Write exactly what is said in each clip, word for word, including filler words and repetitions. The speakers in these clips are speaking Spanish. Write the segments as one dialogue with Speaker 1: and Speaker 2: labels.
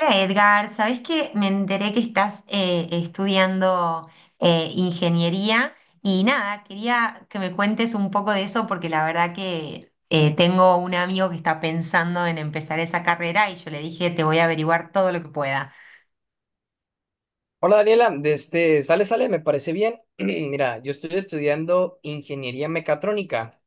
Speaker 1: Hola Edgar, ¿sabés que me enteré que estás eh, estudiando eh, ingeniería? Y nada, quería que me cuentes un poco de eso porque la verdad que eh, tengo un amigo que está pensando en empezar esa carrera y yo le dije, te voy a averiguar todo lo que pueda.
Speaker 2: Hola Daniela, de este, sale, sale, me parece bien. Mira, yo estoy estudiando ingeniería mecatrónica.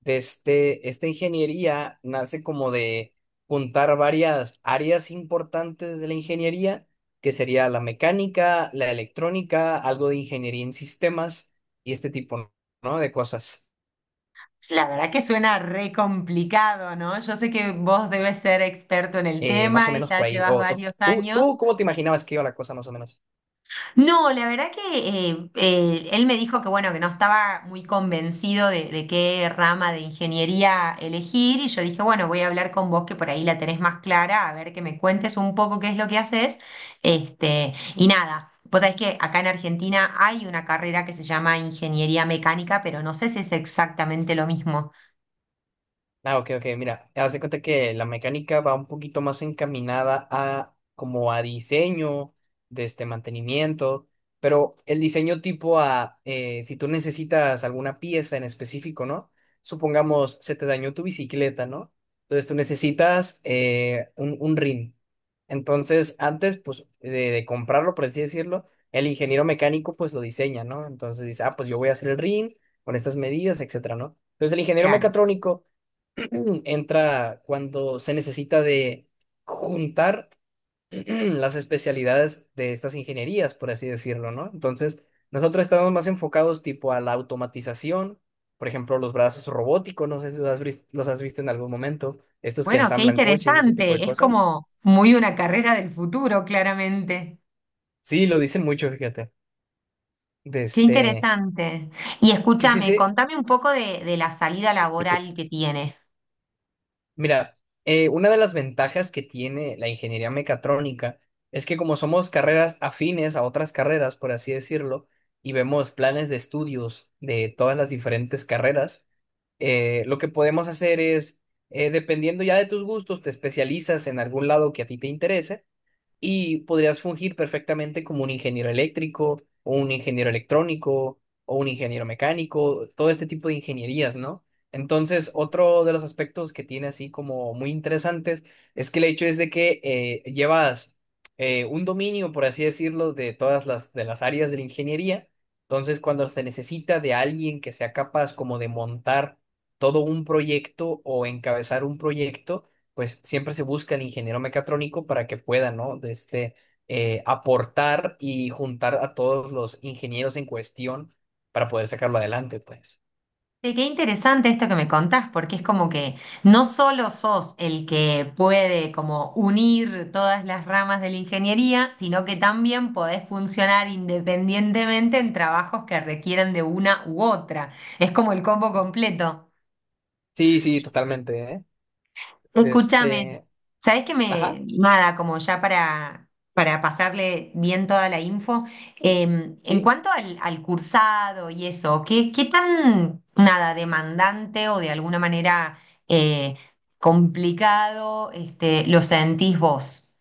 Speaker 2: De este, esta ingeniería nace como de juntar varias áreas importantes de la ingeniería, que sería la mecánica, la electrónica, algo de ingeniería en sistemas y este tipo, ¿no? de cosas.
Speaker 1: La verdad que suena re complicado, ¿no? Yo sé que vos debes ser experto en el
Speaker 2: Eh, más o
Speaker 1: tema y
Speaker 2: menos
Speaker 1: ya
Speaker 2: por ahí.
Speaker 1: llevas
Speaker 2: O, o,
Speaker 1: varios
Speaker 2: ¿tú,
Speaker 1: años.
Speaker 2: tú cómo te imaginabas que iba la cosa más o menos?
Speaker 1: No, la verdad que eh, eh, él me dijo que bueno, que no estaba muy convencido de, de qué rama de ingeniería elegir y yo dije, bueno, voy a hablar con vos que por ahí la tenés más clara, a ver que me cuentes un poco qué es lo que haces. Este, y nada, vos sabés que acá en Argentina hay una carrera que se llama ingeniería mecánica, pero no sé si es exactamente lo mismo.
Speaker 2: Ah, ok, ok, mira, haz de cuenta que la mecánica va un poquito más encaminada a como a diseño de este mantenimiento, pero el diseño tipo a eh, si tú necesitas alguna pieza en específico, ¿no? Supongamos se te dañó tu bicicleta, ¿no? Entonces tú necesitas eh, un, un rin. Entonces, antes, pues, de, de comprarlo, por así decirlo, el ingeniero mecánico, pues, lo diseña, ¿no? Entonces dice, ah, pues yo voy a hacer el rin con estas medidas, etcétera, ¿no? Entonces, el ingeniero
Speaker 1: Claro.
Speaker 2: mecatrónico entra cuando se necesita de juntar las especialidades de estas ingenierías, por así decirlo, ¿no? Entonces, nosotros estamos más enfocados tipo a la automatización, por ejemplo, los brazos robóticos, no sé si los has, vis- los has visto en algún momento, estos que
Speaker 1: Bueno, qué
Speaker 2: ensamblan coches y ese tipo de
Speaker 1: interesante, es
Speaker 2: cosas.
Speaker 1: como muy una carrera del futuro, claramente.
Speaker 2: Sí, lo dicen mucho, fíjate. De
Speaker 1: Qué
Speaker 2: este...
Speaker 1: interesante. Y
Speaker 2: Sí, sí,
Speaker 1: escúchame,
Speaker 2: sí.
Speaker 1: contame un poco de, de la salida laboral que tiene.
Speaker 2: Mira, eh, una de las ventajas que tiene la ingeniería mecatrónica es que como somos carreras afines a otras carreras, por así decirlo, y vemos planes de estudios de todas las diferentes carreras, eh, lo que podemos hacer es, eh, dependiendo ya de tus gustos, te especializas en algún lado que a ti te interese y podrías fungir perfectamente como un ingeniero eléctrico o un ingeniero electrónico o un ingeniero mecánico, todo este tipo de ingenierías, ¿no? Entonces, otro de los aspectos que tiene así como muy interesantes es que el hecho es de que eh, llevas eh, un dominio, por así decirlo, de todas las, de las áreas de la ingeniería. Entonces, cuando se necesita de alguien que sea capaz como de montar todo un proyecto o encabezar un proyecto, pues siempre se busca el ingeniero mecatrónico para que pueda, ¿no? De este, eh, aportar y juntar a todos los ingenieros en cuestión para poder sacarlo adelante, pues.
Speaker 1: Sí, qué interesante esto que me contás, porque es como que no solo sos el que puede como unir todas las ramas de la ingeniería, sino que también podés funcionar independientemente en trabajos que requieran de una u otra. Es como el combo completo.
Speaker 2: Sí, sí, totalmente, ¿eh? De
Speaker 1: Escúchame,
Speaker 2: este,
Speaker 1: ¿sabés que
Speaker 2: ajá,
Speaker 1: me, nada, como ya para, para pasarle bien toda la info, em, en
Speaker 2: sí.
Speaker 1: cuanto al, al cursado y eso, ¿qué, qué tan, nada, demandante o de alguna manera eh, complicado este, lo sentís vos?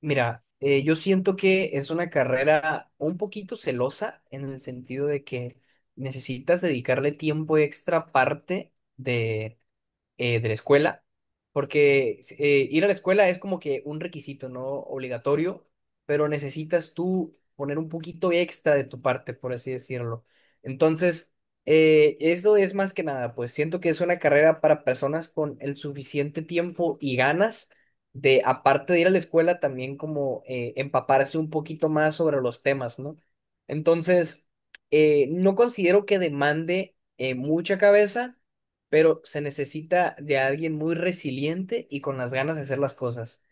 Speaker 2: Mira, eh, yo siento que es una carrera un poquito celosa en el sentido de que necesitas dedicarle tiempo extra aparte de eh, de la escuela, porque eh, ir a la escuela es como que un requisito, ¿no? Obligatorio, pero necesitas tú poner un poquito extra de tu parte, por así decirlo. Entonces, eh, esto es más que nada, pues siento que es una carrera para personas con el suficiente tiempo y ganas de, aparte de ir a la escuela, también como eh, empaparse un poquito más sobre los temas, ¿no? Entonces, eh, no considero que demande eh, mucha cabeza, pero se necesita de alguien muy resiliente y con las ganas de hacer las cosas.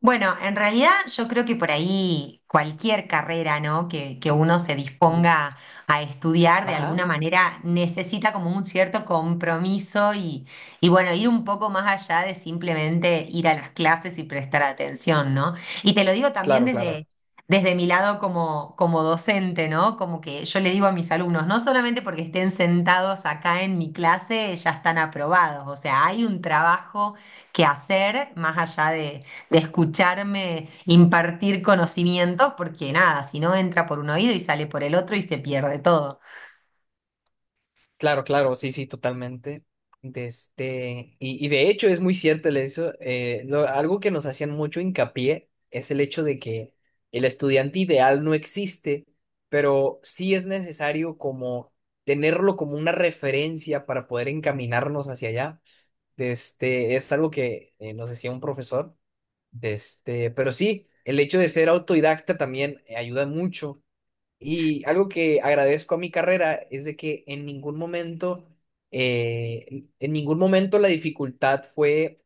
Speaker 1: Bueno, en realidad yo creo que por ahí cualquier carrera, ¿no? que, que uno se
Speaker 2: Mm,
Speaker 1: disponga a estudiar de
Speaker 2: ajá,
Speaker 1: alguna manera necesita como un cierto compromiso y, y bueno, ir un poco más allá de simplemente ir a las clases y prestar atención, ¿no? Y te lo digo también
Speaker 2: claro, claro,
Speaker 1: desde, desde mi lado como, como docente, ¿no? Como que yo le digo a mis alumnos, no solamente porque estén sentados acá en mi clase, ya están aprobados, o sea, hay un trabajo que hacer más allá de de escucharme impartir conocimientos, porque nada, si no entra por un oído y sale por el otro y se pierde todo.
Speaker 2: claro, claro, sí, sí, totalmente. De este, y, y de hecho es muy cierto el eso, eh, lo- algo que nos hacían mucho hincapié es el hecho de que el estudiante ideal no existe, pero sí es necesario como tenerlo como una referencia para poder encaminarnos hacia allá. De este, es algo que eh, nos decía un profesor. De este, pero sí, el hecho de ser autodidacta también eh, ayuda mucho. Y algo que agradezco a mi carrera es de que en ningún momento, eh, en ningún momento la dificultad fue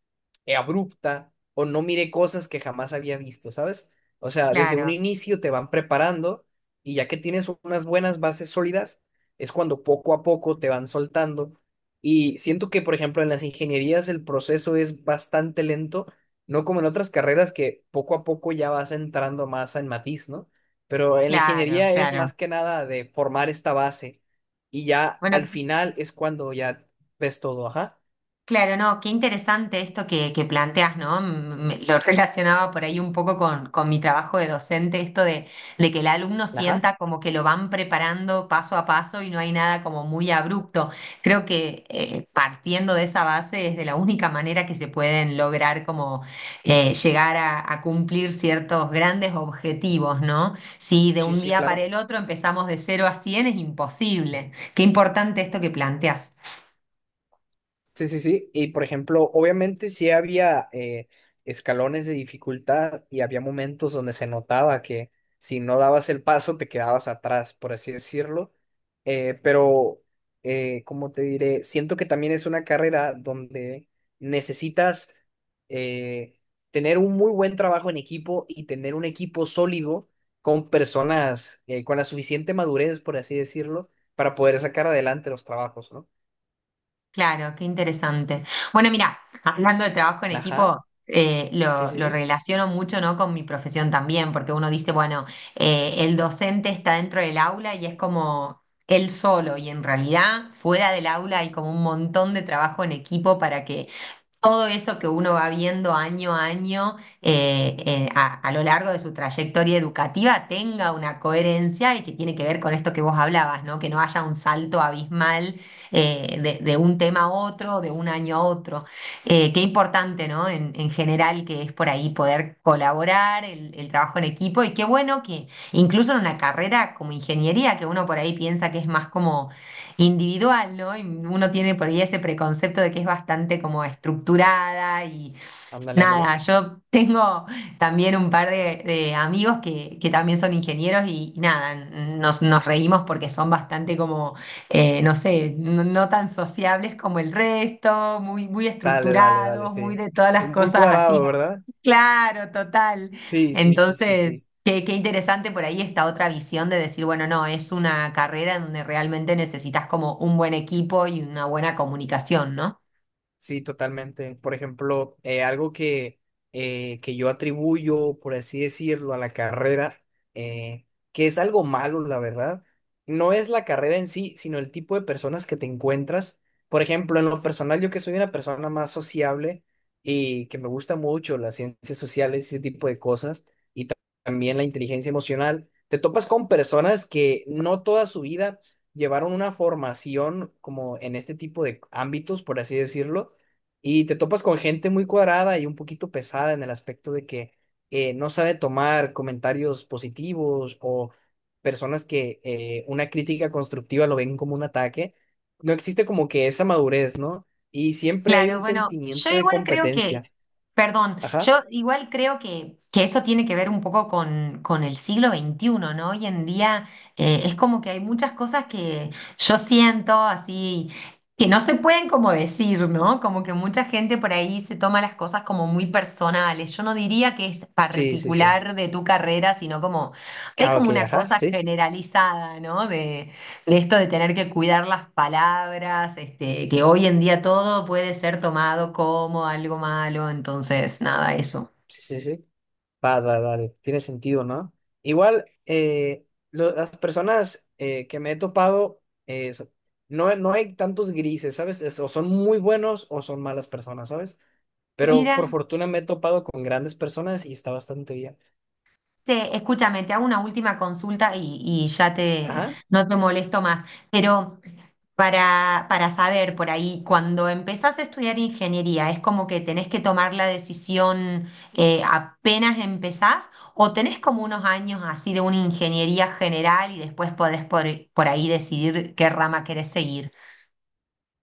Speaker 2: eh, abrupta o no miré cosas que jamás había visto, ¿sabes? O sea, desde un
Speaker 1: Claro,
Speaker 2: inicio te van preparando y ya que tienes unas buenas bases sólidas, es cuando poco a poco te van soltando. Y siento que, por ejemplo, en las ingenierías el proceso es bastante lento, no como en otras carreras que poco a poco ya vas entrando más en matiz, ¿no? Pero en la
Speaker 1: claro,
Speaker 2: ingeniería es
Speaker 1: claro.
Speaker 2: más que nada de formar esta base y ya
Speaker 1: Bueno,
Speaker 2: al final es cuando ya ves todo, ajá,
Speaker 1: claro, no, qué interesante esto que, que planteas, ¿no? Mm, me- lo relacionaba por ahí un poco con, con mi trabajo de docente, esto de, de que el alumno
Speaker 2: ajá,
Speaker 1: sienta como que lo van preparando paso a paso y no hay nada como muy abrupto. Creo que eh, partiendo de esa base es de la única manera que se pueden lograr como eh, llegar a, a cumplir ciertos grandes objetivos, ¿no? Si de
Speaker 2: sí,
Speaker 1: un
Speaker 2: sí,
Speaker 1: día para
Speaker 2: claro.
Speaker 1: el otro empezamos de cero a cien es imposible. Qué importante esto que planteas.
Speaker 2: Sí, sí, sí. Y por ejemplo, obviamente sí había eh, escalones de dificultad y había momentos donde se notaba que si no dabas el paso te quedabas atrás, por así decirlo. Eh, pero, eh, ¿cómo te diré? Siento que también es una carrera donde necesitas eh, tener un muy buen trabajo en equipo y tener un equipo sólido con personas eh, con la suficiente madurez, por así decirlo, para poder sacar adelante los trabajos, ¿no?
Speaker 1: Claro, qué interesante. Bueno, mira, hablando de trabajo en
Speaker 2: Ajá.
Speaker 1: equipo, eh,
Speaker 2: Sí,
Speaker 1: lo,
Speaker 2: sí,
Speaker 1: lo
Speaker 2: sí.
Speaker 1: relaciono mucho, ¿no? con mi profesión también, porque uno dice, bueno, eh, el docente está dentro del aula y es como él solo, y en realidad fuera del aula hay como un montón de trabajo en equipo para que todo eso que uno va viendo año a año eh, eh, a, a lo largo de su trayectoria educativa tenga una coherencia y que tiene que ver con esto que vos hablabas, ¿no? Que no haya un salto abismal eh, de, de un tema a otro, de un año a otro. Eh, qué importante, ¿no? En, en general que es por ahí poder colaborar, el, el trabajo en equipo y qué bueno que incluso en una carrera como ingeniería, que uno por ahí piensa que es más como individual, ¿no? Y uno tiene por ahí ese preconcepto de que es bastante como estructurada y
Speaker 2: Ándale, ándale.
Speaker 1: nada, yo tengo también un par de, de amigos que, que también son ingenieros y nada, nos, nos reímos porque son bastante como, eh, no sé, no, no tan sociables como el resto, muy, muy
Speaker 2: Dale, dale, dale,
Speaker 1: estructurados, muy
Speaker 2: sí.
Speaker 1: de todas las
Speaker 2: Muy
Speaker 1: cosas así.
Speaker 2: cuadrado, ¿verdad?
Speaker 1: Claro, total.
Speaker 2: Sí, sí, sí, sí, sí.
Speaker 1: Entonces, qué, qué interesante por ahí esta otra visión de decir, bueno, no, es una carrera en donde realmente necesitas como un buen equipo y una buena comunicación, ¿no?
Speaker 2: Sí, totalmente. Por ejemplo, eh, algo que, eh, que yo atribuyo, por así decirlo, a la carrera, eh, que es algo malo, la verdad, no es la carrera en sí, sino el tipo de personas que te encuentras. Por ejemplo, en lo personal, yo que soy una persona más sociable y que me gusta mucho las ciencias sociales y ese tipo de cosas, también la inteligencia emocional. Te topas con personas que no toda su vida llevaron una formación como en este tipo de ámbitos, por así decirlo, y te topas con gente muy cuadrada y un poquito pesada en el aspecto de que eh, no sabe tomar comentarios positivos o personas que eh, una crítica constructiva lo ven como un ataque. No existe como que esa madurez, ¿no? Y siempre hay
Speaker 1: Claro,
Speaker 2: un
Speaker 1: bueno, yo
Speaker 2: sentimiento de
Speaker 1: igual creo que,
Speaker 2: competencia.
Speaker 1: perdón,
Speaker 2: Ajá.
Speaker 1: yo igual creo que, que eso tiene que ver un poco con, con el siglo veintiuno, ¿no? Hoy en día eh, es como que hay muchas cosas que yo siento así, que no se pueden como decir, ¿no? Como que mucha gente por ahí se toma las cosas como muy personales. Yo no diría que es
Speaker 2: Sí, sí, sí.
Speaker 1: particular de tu carrera, sino como, hay
Speaker 2: Ah, ok,
Speaker 1: como una
Speaker 2: ajá,
Speaker 1: cosa
Speaker 2: sí.
Speaker 1: generalizada, ¿no? De, de esto de tener que cuidar las palabras, este, que hoy en día todo puede ser tomado como algo malo, entonces nada, eso.
Speaker 2: Sí, sí, sí. Va, va, vale, tiene sentido, ¿no? Igual, eh, lo- las personas eh, que me he topado, eh, so- no, no hay tantos grises, ¿sabes? Es- o son muy buenos o son malas personas, ¿sabes? Pero
Speaker 1: Mira.
Speaker 2: por fortuna me he topado con grandes personas y está bastante bien.
Speaker 1: Che, escúchame, te hago una última consulta y, y ya te,
Speaker 2: Ajá.
Speaker 1: no te molesto más, pero para, para saber por ahí, cuando empezás a estudiar ingeniería, ¿es como que tenés que tomar la decisión eh, apenas empezás o tenés como unos años así de una ingeniería general y después podés por, por ahí decidir qué rama querés seguir?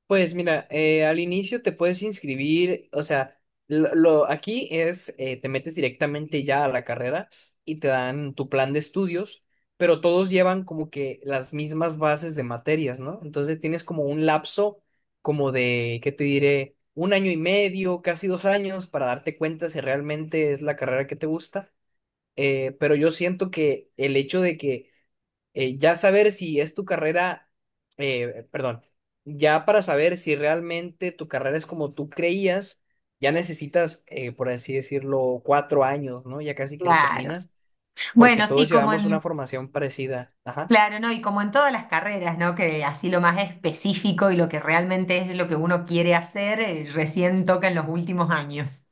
Speaker 2: Pues mira, eh, al inicio te puedes inscribir, o sea, lo, lo- aquí es, eh, te metes directamente ya a la carrera y te dan tu plan de estudios, pero todos llevan como que las mismas bases de materias, ¿no? Entonces tienes como un lapso como de, ¿qué te diré? Un año y medio, casi dos años para darte cuenta si realmente es la carrera que te gusta. Eh, pero yo siento que el hecho de que eh, ya saber si es tu carrera, eh, perdón, ya para saber si realmente tu carrera es como tú creías, ya necesitas, eh, por así decirlo, cuatro años, ¿no? Ya casi que lo
Speaker 1: Claro.
Speaker 2: terminas, porque
Speaker 1: Bueno,
Speaker 2: todos
Speaker 1: sí, como en
Speaker 2: llevamos
Speaker 1: mi
Speaker 2: una formación parecida. Ajá.
Speaker 1: claro, ¿no? Y como en todas las carreras, ¿no? Que así lo más específico y lo que realmente es lo que uno quiere hacer, eh, recién toca en los últimos años.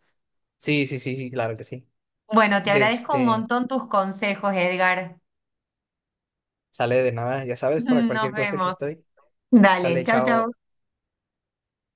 Speaker 2: Sí, sí, sí, sí, claro que sí.
Speaker 1: Bueno, te
Speaker 2: De
Speaker 1: agradezco un
Speaker 2: este,
Speaker 1: montón tus consejos, Edgar.
Speaker 2: sale de nada, ya sabes, para
Speaker 1: Nos
Speaker 2: cualquier cosa aquí
Speaker 1: vemos.
Speaker 2: estoy.
Speaker 1: Dale,
Speaker 2: Sale,
Speaker 1: chau,
Speaker 2: chao.
Speaker 1: chau.